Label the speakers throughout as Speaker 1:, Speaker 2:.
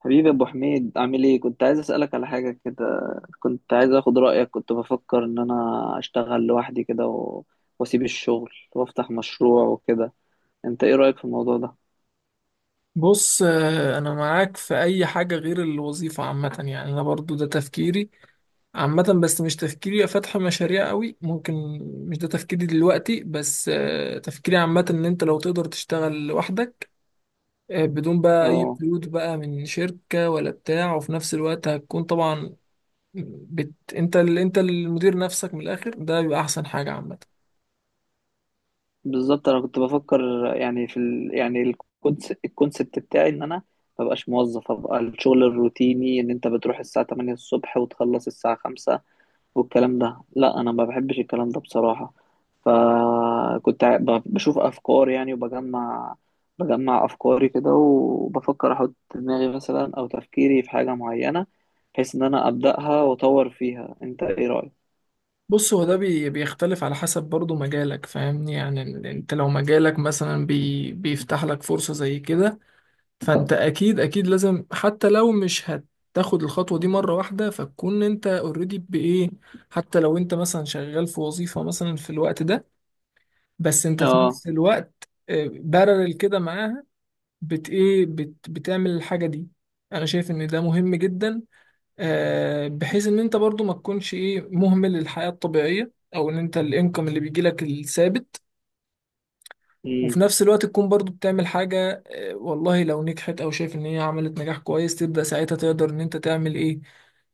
Speaker 1: حبيبي ابو حميد، عامل ايه؟ كنت عايز اسالك على حاجه كده. كنت عايز اخد رايك. كنت بفكر ان انا اشتغل لوحدي كده، واسيب الشغل وافتح مشروع وكده. انت ايه رايك في الموضوع ده؟
Speaker 2: بص، انا معاك في اي حاجه غير الوظيفه عامه. يعني انا برضو ده تفكيري عامه، بس مش تفكيري فتح مشاريع قوي، ممكن. مش ده تفكيري دلوقتي، بس تفكيري عامه ان انت لو تقدر تشتغل لوحدك، بدون بقى اي
Speaker 1: اه
Speaker 2: قيود بقى من شركه ولا بتاع. وفي نفس الوقت هتكون طبعا انت المدير نفسك من الاخر. ده بيبقى احسن حاجه عامه.
Speaker 1: بالظبط، انا كنت بفكر، يعني يعني الكونسبت بتاعي ان انا ما بقاش موظف. ابقى الشغل الروتيني ان انت بتروح الساعه 8 الصبح وتخلص الساعه 5 والكلام ده، لا، انا ما بحبش الكلام ده بصراحه. فكنت بشوف افكار، يعني، بجمع افكاري كده، وبفكر احط دماغي مثلا، او تفكيري في حاجه معينه، بحيث ان انا ابداها واطور فيها. انت ايه رايك؟
Speaker 2: بص، هو ده بيختلف على حسب برضو مجالك. فاهمني؟ يعني انت لو مجالك مثلا بيفتح لك فرصة زي كده، فانت اكيد اكيد لازم حتى لو مش هتاخد الخطوة دي مرة واحدة فتكون انت اوريدي بايه، حتى لو انت مثلا شغال في وظيفة مثلا في الوقت ده، بس انت في
Speaker 1: اه.
Speaker 2: نفس الوقت بارل كده معاها. بت ايه بت بتعمل الحاجة دي. انا شايف ان ده مهم جدا، بحيث ان انت برضو ما تكونش ايه مهمل للحياة الطبيعية او ان انت الانكم اللي بيجي لك الثابت. وفي
Speaker 1: امم.
Speaker 2: نفس الوقت تكون برضو بتعمل حاجة، والله لو نجحت او شايف ان هي عملت نجاح كويس تبدأ ساعتها تقدر ان انت تعمل ايه.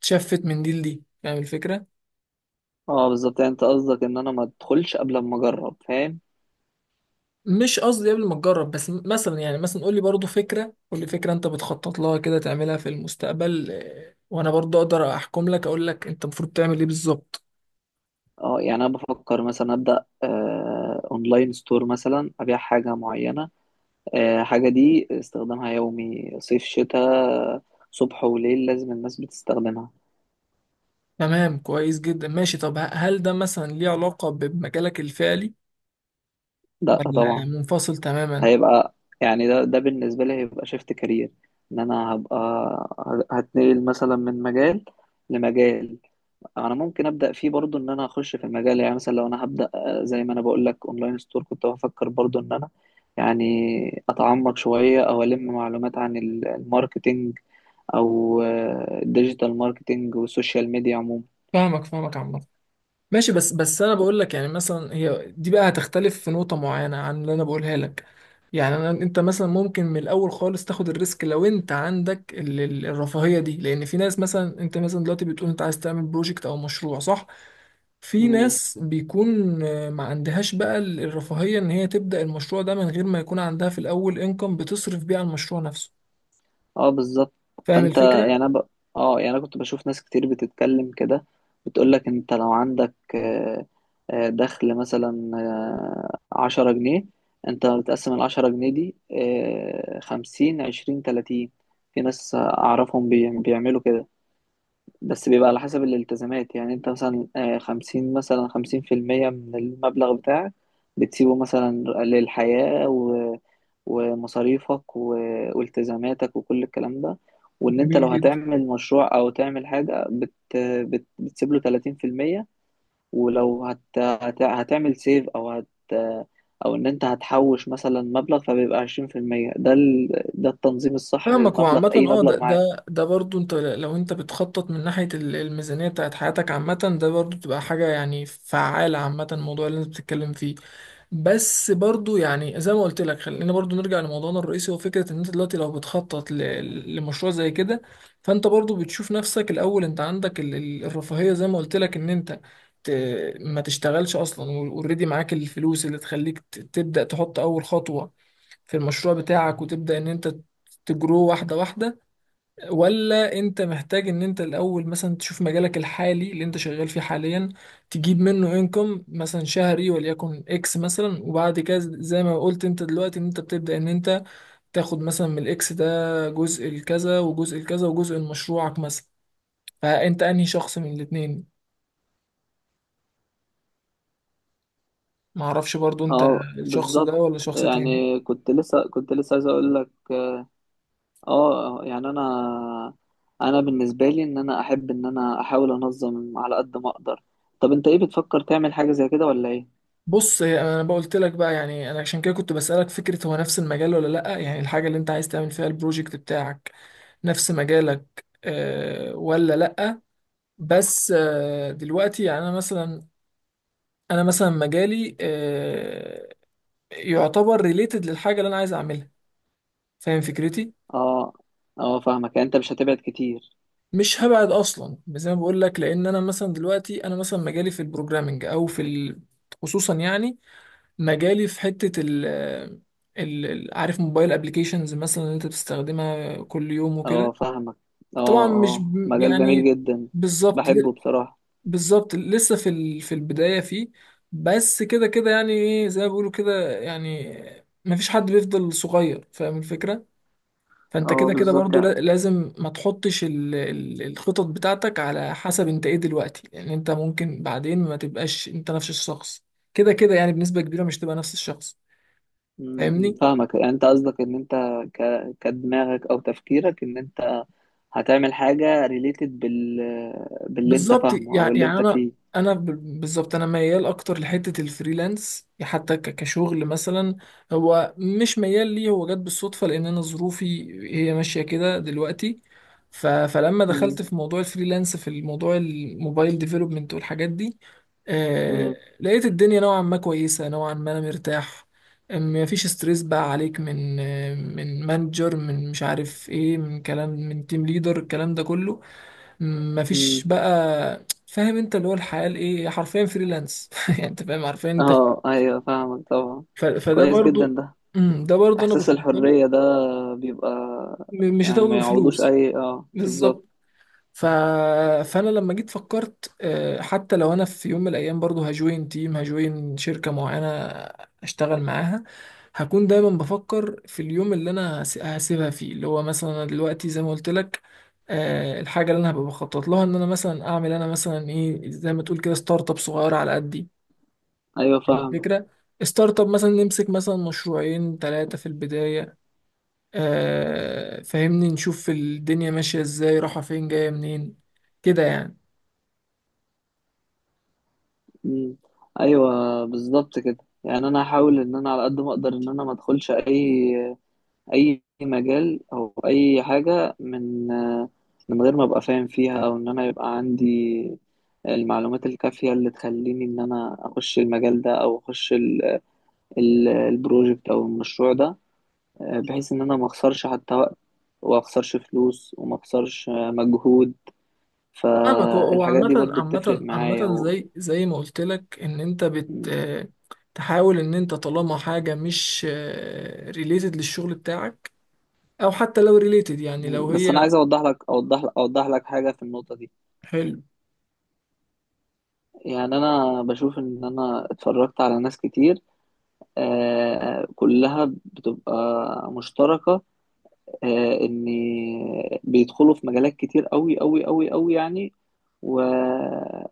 Speaker 2: تشفت من دي لدي. فاهم الفكرة؟
Speaker 1: اه بالظبط، يعني انت قصدك ان انا ما ادخلش قبل ما اجرب. فاهم؟
Speaker 2: مش قصدي قبل ما تجرب، بس مثلا يعني مثلا قول لي برضو فكرة، قول لي فكرة انت بتخطط لها كده تعملها في المستقبل، وانا برضو اقدر احكم لك، اقول لك انت المفروض تعمل ايه بالظبط.
Speaker 1: اه، يعني انا بفكر مثلا ابدا، اونلاين ستور، مثلا ابيع حاجه معينه. حاجه دي استخدامها يومي، صيف شتاء، صبح وليل، لازم الناس بتستخدمها.
Speaker 2: تمام، كويس جدا، ماشي. طب هل ده مثلا ليه علاقة بمجالك الفعلي
Speaker 1: لا
Speaker 2: ولا
Speaker 1: طبعا.
Speaker 2: منفصل تماما؟
Speaker 1: هيبقى، يعني ده بالنسبة لي هيبقى شيفت كارير. ان انا هتنقل مثلا من مجال لمجال. انا ممكن ابدا فيه برضو، ان انا اخش في المجال. يعني مثلا لو انا هبدا، زي ما انا بقول لك اونلاين ستور، كنت بفكر برضو ان انا يعني اتعمق شوية، او الم معلومات عن الماركتينج، او الديجيتال ماركتينج والسوشيال ميديا.
Speaker 2: فاهمك عامة. ماشي، بس انا بقول لك يعني مثلا هي دي بقى هتختلف في نقطة معينة عن اللي انا بقولها لك. يعني انت مثلا ممكن من الاول خالص تاخد الريسك لو انت عندك الرفاهية دي، لان في ناس مثلا انت مثلا دلوقتي بتقول انت عايز تعمل بروجكت او مشروع، صح؟ في
Speaker 1: عموما،
Speaker 2: ناس بيكون ما عندهاش بقى الرفاهية ان هي تبدأ المشروع ده من غير ما يكون عندها في الاول انكم بتصرف بيه على المشروع نفسه.
Speaker 1: اه بالظبط.
Speaker 2: فاهم
Speaker 1: فانت
Speaker 2: الفكرة؟
Speaker 1: يعني اه، يعني انا كنت بشوف ناس كتير بتتكلم كده، بتقولك انت لو عندك دخل مثلا 10 جنيه، انت بتقسم العشرة جنيه دي خمسين 20 30. في ناس اعرفهم بيعملوا كده، بس بيبقى على حسب الالتزامات. يعني انت مثلا 50، مثلا 50% من المبلغ بتاعك بتسيبه مثلا للحياة، ومصاريفك والتزاماتك وكل الكلام ده. وان انت لو
Speaker 2: جميل جدا.
Speaker 1: هتعمل مشروع او تعمل حاجة، بت بت بتسيب له 30%، ولو هت هت هتعمل سيف، او ان انت هتحوش مثلا مبلغ، فبيبقى 20%. ده التنظيم الصح
Speaker 2: فاهمك.
Speaker 1: للمبلغ،
Speaker 2: وعامة
Speaker 1: اي
Speaker 2: ده
Speaker 1: مبلغ معاك.
Speaker 2: ده ده برضو انت لو بتخطط من ناحية الميزانية بتاعت حياتك عامة، ده برضو بتبقى حاجة يعني فعالة، عامة الموضوع اللي انت بتتكلم فيه. بس برضو يعني زي ما قلت لك، خلينا برضو نرجع لموضوعنا الرئيسي، هو فكرة ان انت دلوقتي لو بتخطط لمشروع زي كده، فانت برضو بتشوف نفسك الاول. انت عندك الرفاهية زي ما قلت لك ان انت ما تشتغلش اصلا، اوريدي معاك الفلوس اللي تخليك تبدأ تحط اول خطوة في المشروع بتاعك، وتبدأ ان انت تجرو واحدة واحدة، ولا انت محتاج ان انت الاول مثلا تشوف مجالك الحالي اللي انت شغال فيه حاليا، تجيب منه انكم مثلا شهري وليكن اكس مثلا، وبعد كده زي ما قلت انت دلوقتي ان انت بتبدأ ان انت تاخد مثلا من الاكس ده جزء الكذا وجزء الكذا وجزء لمشروعك مثلا. فانت انهي شخص من الاتنين؟ معرفش برضو، انت
Speaker 1: اه
Speaker 2: الشخص ده
Speaker 1: بالظبط،
Speaker 2: ولا شخص تاني؟
Speaker 1: يعني كنت لسه عايز اقول لك، اه، يعني انا بالنسبه لي ان انا احب ان انا احاول انظم على قد ما اقدر. طب انت، ايه بتفكر تعمل حاجه زي كده ولا ايه؟
Speaker 2: بص، انا بقولت لك بقى، يعني انا عشان كده كنت بسألك فكرة هو نفس المجال ولا لا، يعني الحاجة اللي انت عايز تعمل فيها البروجكت بتاعك نفس مجالك، ولا لا. بس دلوقتي يعني انا مثلا مجالي يعتبر ريليتد للحاجة اللي انا عايز اعملها. فاهم فكرتي؟
Speaker 1: اه، اه، فاهمك. يعني انت مش هتبعد كتير.
Speaker 2: مش هبعد اصلا زي ما بقول لك، لان انا مثلا دلوقتي انا مثلا مجالي في البروجرامنج خصوصا يعني مجالي في حتة عارف، موبايل ابلكيشنز مثلا اللي انت بتستخدمها كل يوم وكده.
Speaker 1: اه، فاهمك. اه،
Speaker 2: طبعا مش
Speaker 1: اه،
Speaker 2: ب-
Speaker 1: مجال جميل
Speaker 2: يعني
Speaker 1: جدا،
Speaker 2: بالظبط
Speaker 1: بحبه
Speaker 2: ل-
Speaker 1: بصراحه.
Speaker 2: بالظبط لسه في البداية فيه، بس كده كده يعني ايه زي ما بيقولوا كده، يعني مفيش حد بيفضل صغير. فاهم الفكرة؟ فانت
Speaker 1: اه
Speaker 2: كده كده
Speaker 1: بالظبط،
Speaker 2: برضو
Speaker 1: يعني.
Speaker 2: لازم ما تحطش الخطط بتاعتك على حسب انت ايه دلوقتي، لان انت ممكن بعدين ما تبقاش انت نفس الشخص. كده كده يعني بنسبة كبيرة مش تبقى نفس الشخص.
Speaker 1: م- م،
Speaker 2: فاهمني؟
Speaker 1: فاهمك، يعني انت قصدك ان انت ك... كدماغك او تفكيرك ان انت هتعمل حاجه ريليتد باللي انت
Speaker 2: بالظبط.
Speaker 1: فاهمه او اللي
Speaker 2: يعني
Speaker 1: انت
Speaker 2: انا
Speaker 1: فيه.
Speaker 2: بالظبط انا ميال اكتر لحته الفريلانس حتى كشغل مثلا. هو مش ميال ليه، هو جت بالصدفه لان انا ظروفي هي ماشيه كده دلوقتي. فلما
Speaker 1: م-
Speaker 2: دخلت في موضوع الفريلانس، في الموضوع الموبايل ديفلوبمنت والحاجات دي، آه...
Speaker 1: م-
Speaker 2: لقيت الدنيا نوعا ما كويسه، نوعا ما انا مرتاح. ما فيش ستريس بقى عليك من مانجر، من مش عارف ايه، من كلام، من تيم ليدر، الكلام ده كله
Speaker 1: م.
Speaker 2: مفيش بقى. فاهم؟ انت اللي هو الحياة الايه، حرفيا فريلانس يعني انت فاهم، حرفيا انت في.
Speaker 1: اه، ايوه، فاهمك طبعا.
Speaker 2: فده
Speaker 1: كويس جدا
Speaker 2: برضو
Speaker 1: ده.
Speaker 2: ده برضو انا
Speaker 1: احساس
Speaker 2: بفضله.
Speaker 1: الحرية ده بيبقى،
Speaker 2: مش
Speaker 1: يعني
Speaker 2: هتاخده
Speaker 1: ما يعوضوش
Speaker 2: بفلوس.
Speaker 1: اه بالظبط.
Speaker 2: بالظبط. ف... فانا لما جيت فكرت، حتى لو انا في يوم من الايام برضو هجوين تيم، هجوين شركة معينة اشتغل معاها، هكون دايما بفكر في اليوم اللي انا هسيبها فيه، اللي هو مثلا أنا دلوقتي زي ما قلت لك، الحاجة اللي انا هبقى بخطط لها ان انا مثلا اعمل، انا مثلا ايه زي ما تقول كده، ستارت اب صغيرة على قدي.
Speaker 1: ايوه فاهمك.
Speaker 2: الفكرة، ستارت اب مثلا نمسك مثلا مشروعين ثلاثة في البداية، فاهمني، نشوف الدنيا ماشية ازاي، رايحة فين، جاية منين، كده يعني.
Speaker 1: مم. ايوه بالظبط كده. يعني انا هحاول ان انا على قد ما اقدر ان انا ما ادخلش اي مجال او اي حاجة، من غير ما ابقى فاهم فيها، او ان انا يبقى عندي المعلومات الكافية اللي تخليني ان انا اخش المجال ده، او اخش البروجكت او المشروع ده، بحيث ان انا ما اخسرش حتى وقت، وما اخسرش فلوس، وما اخسرش مجهود.
Speaker 2: فاهمك. هو
Speaker 1: فالحاجات دي
Speaker 2: عامة
Speaker 1: برضو بتفرق
Speaker 2: عامة
Speaker 1: معايا
Speaker 2: عامة زي ما قلت لك ان انت
Speaker 1: م-
Speaker 2: تحاول ان انت طالما حاجة مش ريليتد للشغل بتاعك، او حتى لو ريليتد، يعني لو
Speaker 1: بس انا
Speaker 2: هي
Speaker 1: عايز اوضح لك حاجة في النقطة دي.
Speaker 2: حلو.
Speaker 1: يعني انا بشوف ان انا اتفرجت على ناس كتير، كلها بتبقى مشتركة، ان بيدخلوا في مجالات كتير قوي قوي قوي قوي، يعني، و...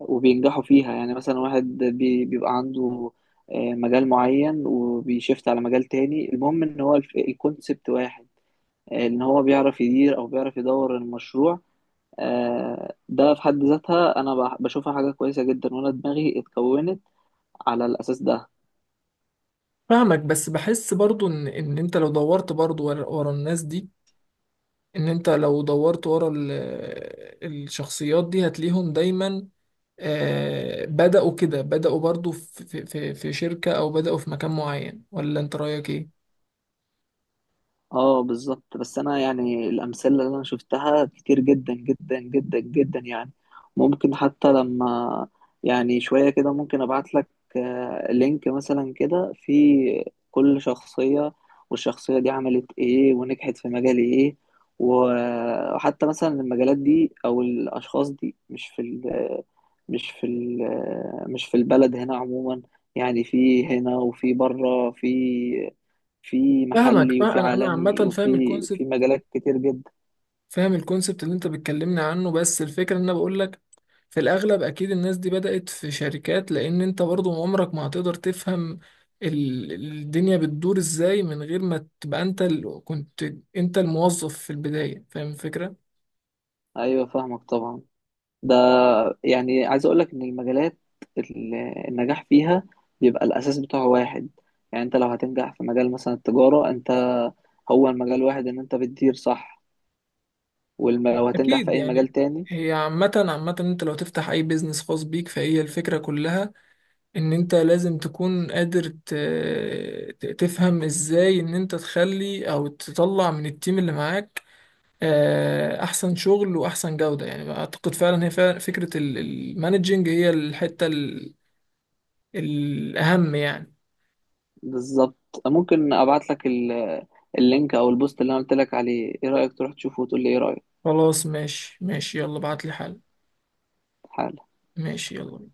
Speaker 1: وبينجحوا فيها. يعني مثلا واحد بيبقى عنده مجال معين، وبيشفت على مجال تاني، المهم ان هو الكونسبت واحد، ان هو بيعرف يدير او بيعرف يدور المشروع. ده في حد ذاتها انا بشوفها حاجة كويسة جدا، وانا دماغي اتكونت على الاساس ده.
Speaker 2: فاهمك، بس بحس برضو ان انت لو دورت برضو ورا ورا الناس دي، ان انت لو دورت ورا الشخصيات دي هتلاقيهم دايما، بدأوا كده، بدأوا برضو في شركة او بدأوا في مكان معين، ولا انت رأيك ايه؟
Speaker 1: اه بالظبط. بس انا يعني الامثله اللي انا شفتها كتير جدا جدا جدا جدا، يعني ممكن حتى لما، يعني شويه كده، ممكن ابعت لك لينك مثلا كده في كل شخصيه، والشخصيه دي عملت ايه ونجحت في مجال ايه. وحتى مثلا المجالات دي او الاشخاص دي، مش في البلد هنا عموما. يعني في هنا وفي بره، في
Speaker 2: فاهمك.
Speaker 1: محلي
Speaker 2: فاهم
Speaker 1: وفي
Speaker 2: انا
Speaker 1: عالمي
Speaker 2: عامه
Speaker 1: وفي
Speaker 2: فاهم
Speaker 1: في
Speaker 2: الكونسبت،
Speaker 1: مجالات كتير جدا.
Speaker 2: فاهم الكونسبت اللي انت بتكلمني عنه، بس الفكره ان انا بقول لك في الاغلب اكيد الناس دي بدات في شركات، لان انت برضو عمرك ما هتقدر تفهم ال- الدنيا بتدور ازاي من غير ما تبقى انت كنت انت الموظف في البدايه. فاهم الفكره؟
Speaker 1: ايوه فاهمك طبعا. ده يعني عايز اقول لك ان المجالات ال- النجاح فيها بيبقى الاساس بتاعه واحد. يعني انت لو هتنجح في مجال مثلا التجارة، انت هو المجال واحد، ان انت بتدير صح. ولو هتنجح في
Speaker 2: اكيد
Speaker 1: اي مجال
Speaker 2: يعني.
Speaker 1: تاني.
Speaker 2: هي عامه انت لو تفتح اي بيزنس خاص بيك فهي الفكره كلها، ان انت لازم تكون قادر تفهم ازاي ان انت تخلي او تطلع من التيم اللي معاك احسن شغل واحسن جودة، يعني اعتقد فعلا هي فعلا فكرة المانجينج هي الحتة الاهم يعني.
Speaker 1: بالظبط. ممكن ابعت لك اللينك او البوست اللي انا قلت لك عليه. ايه رأيك؟ تروح تشوفه وتقول لي ايه
Speaker 2: خلاص، ماشي ماشي، يلا بعتلي حل.
Speaker 1: رأيك؟
Speaker 2: ماشي، يلا.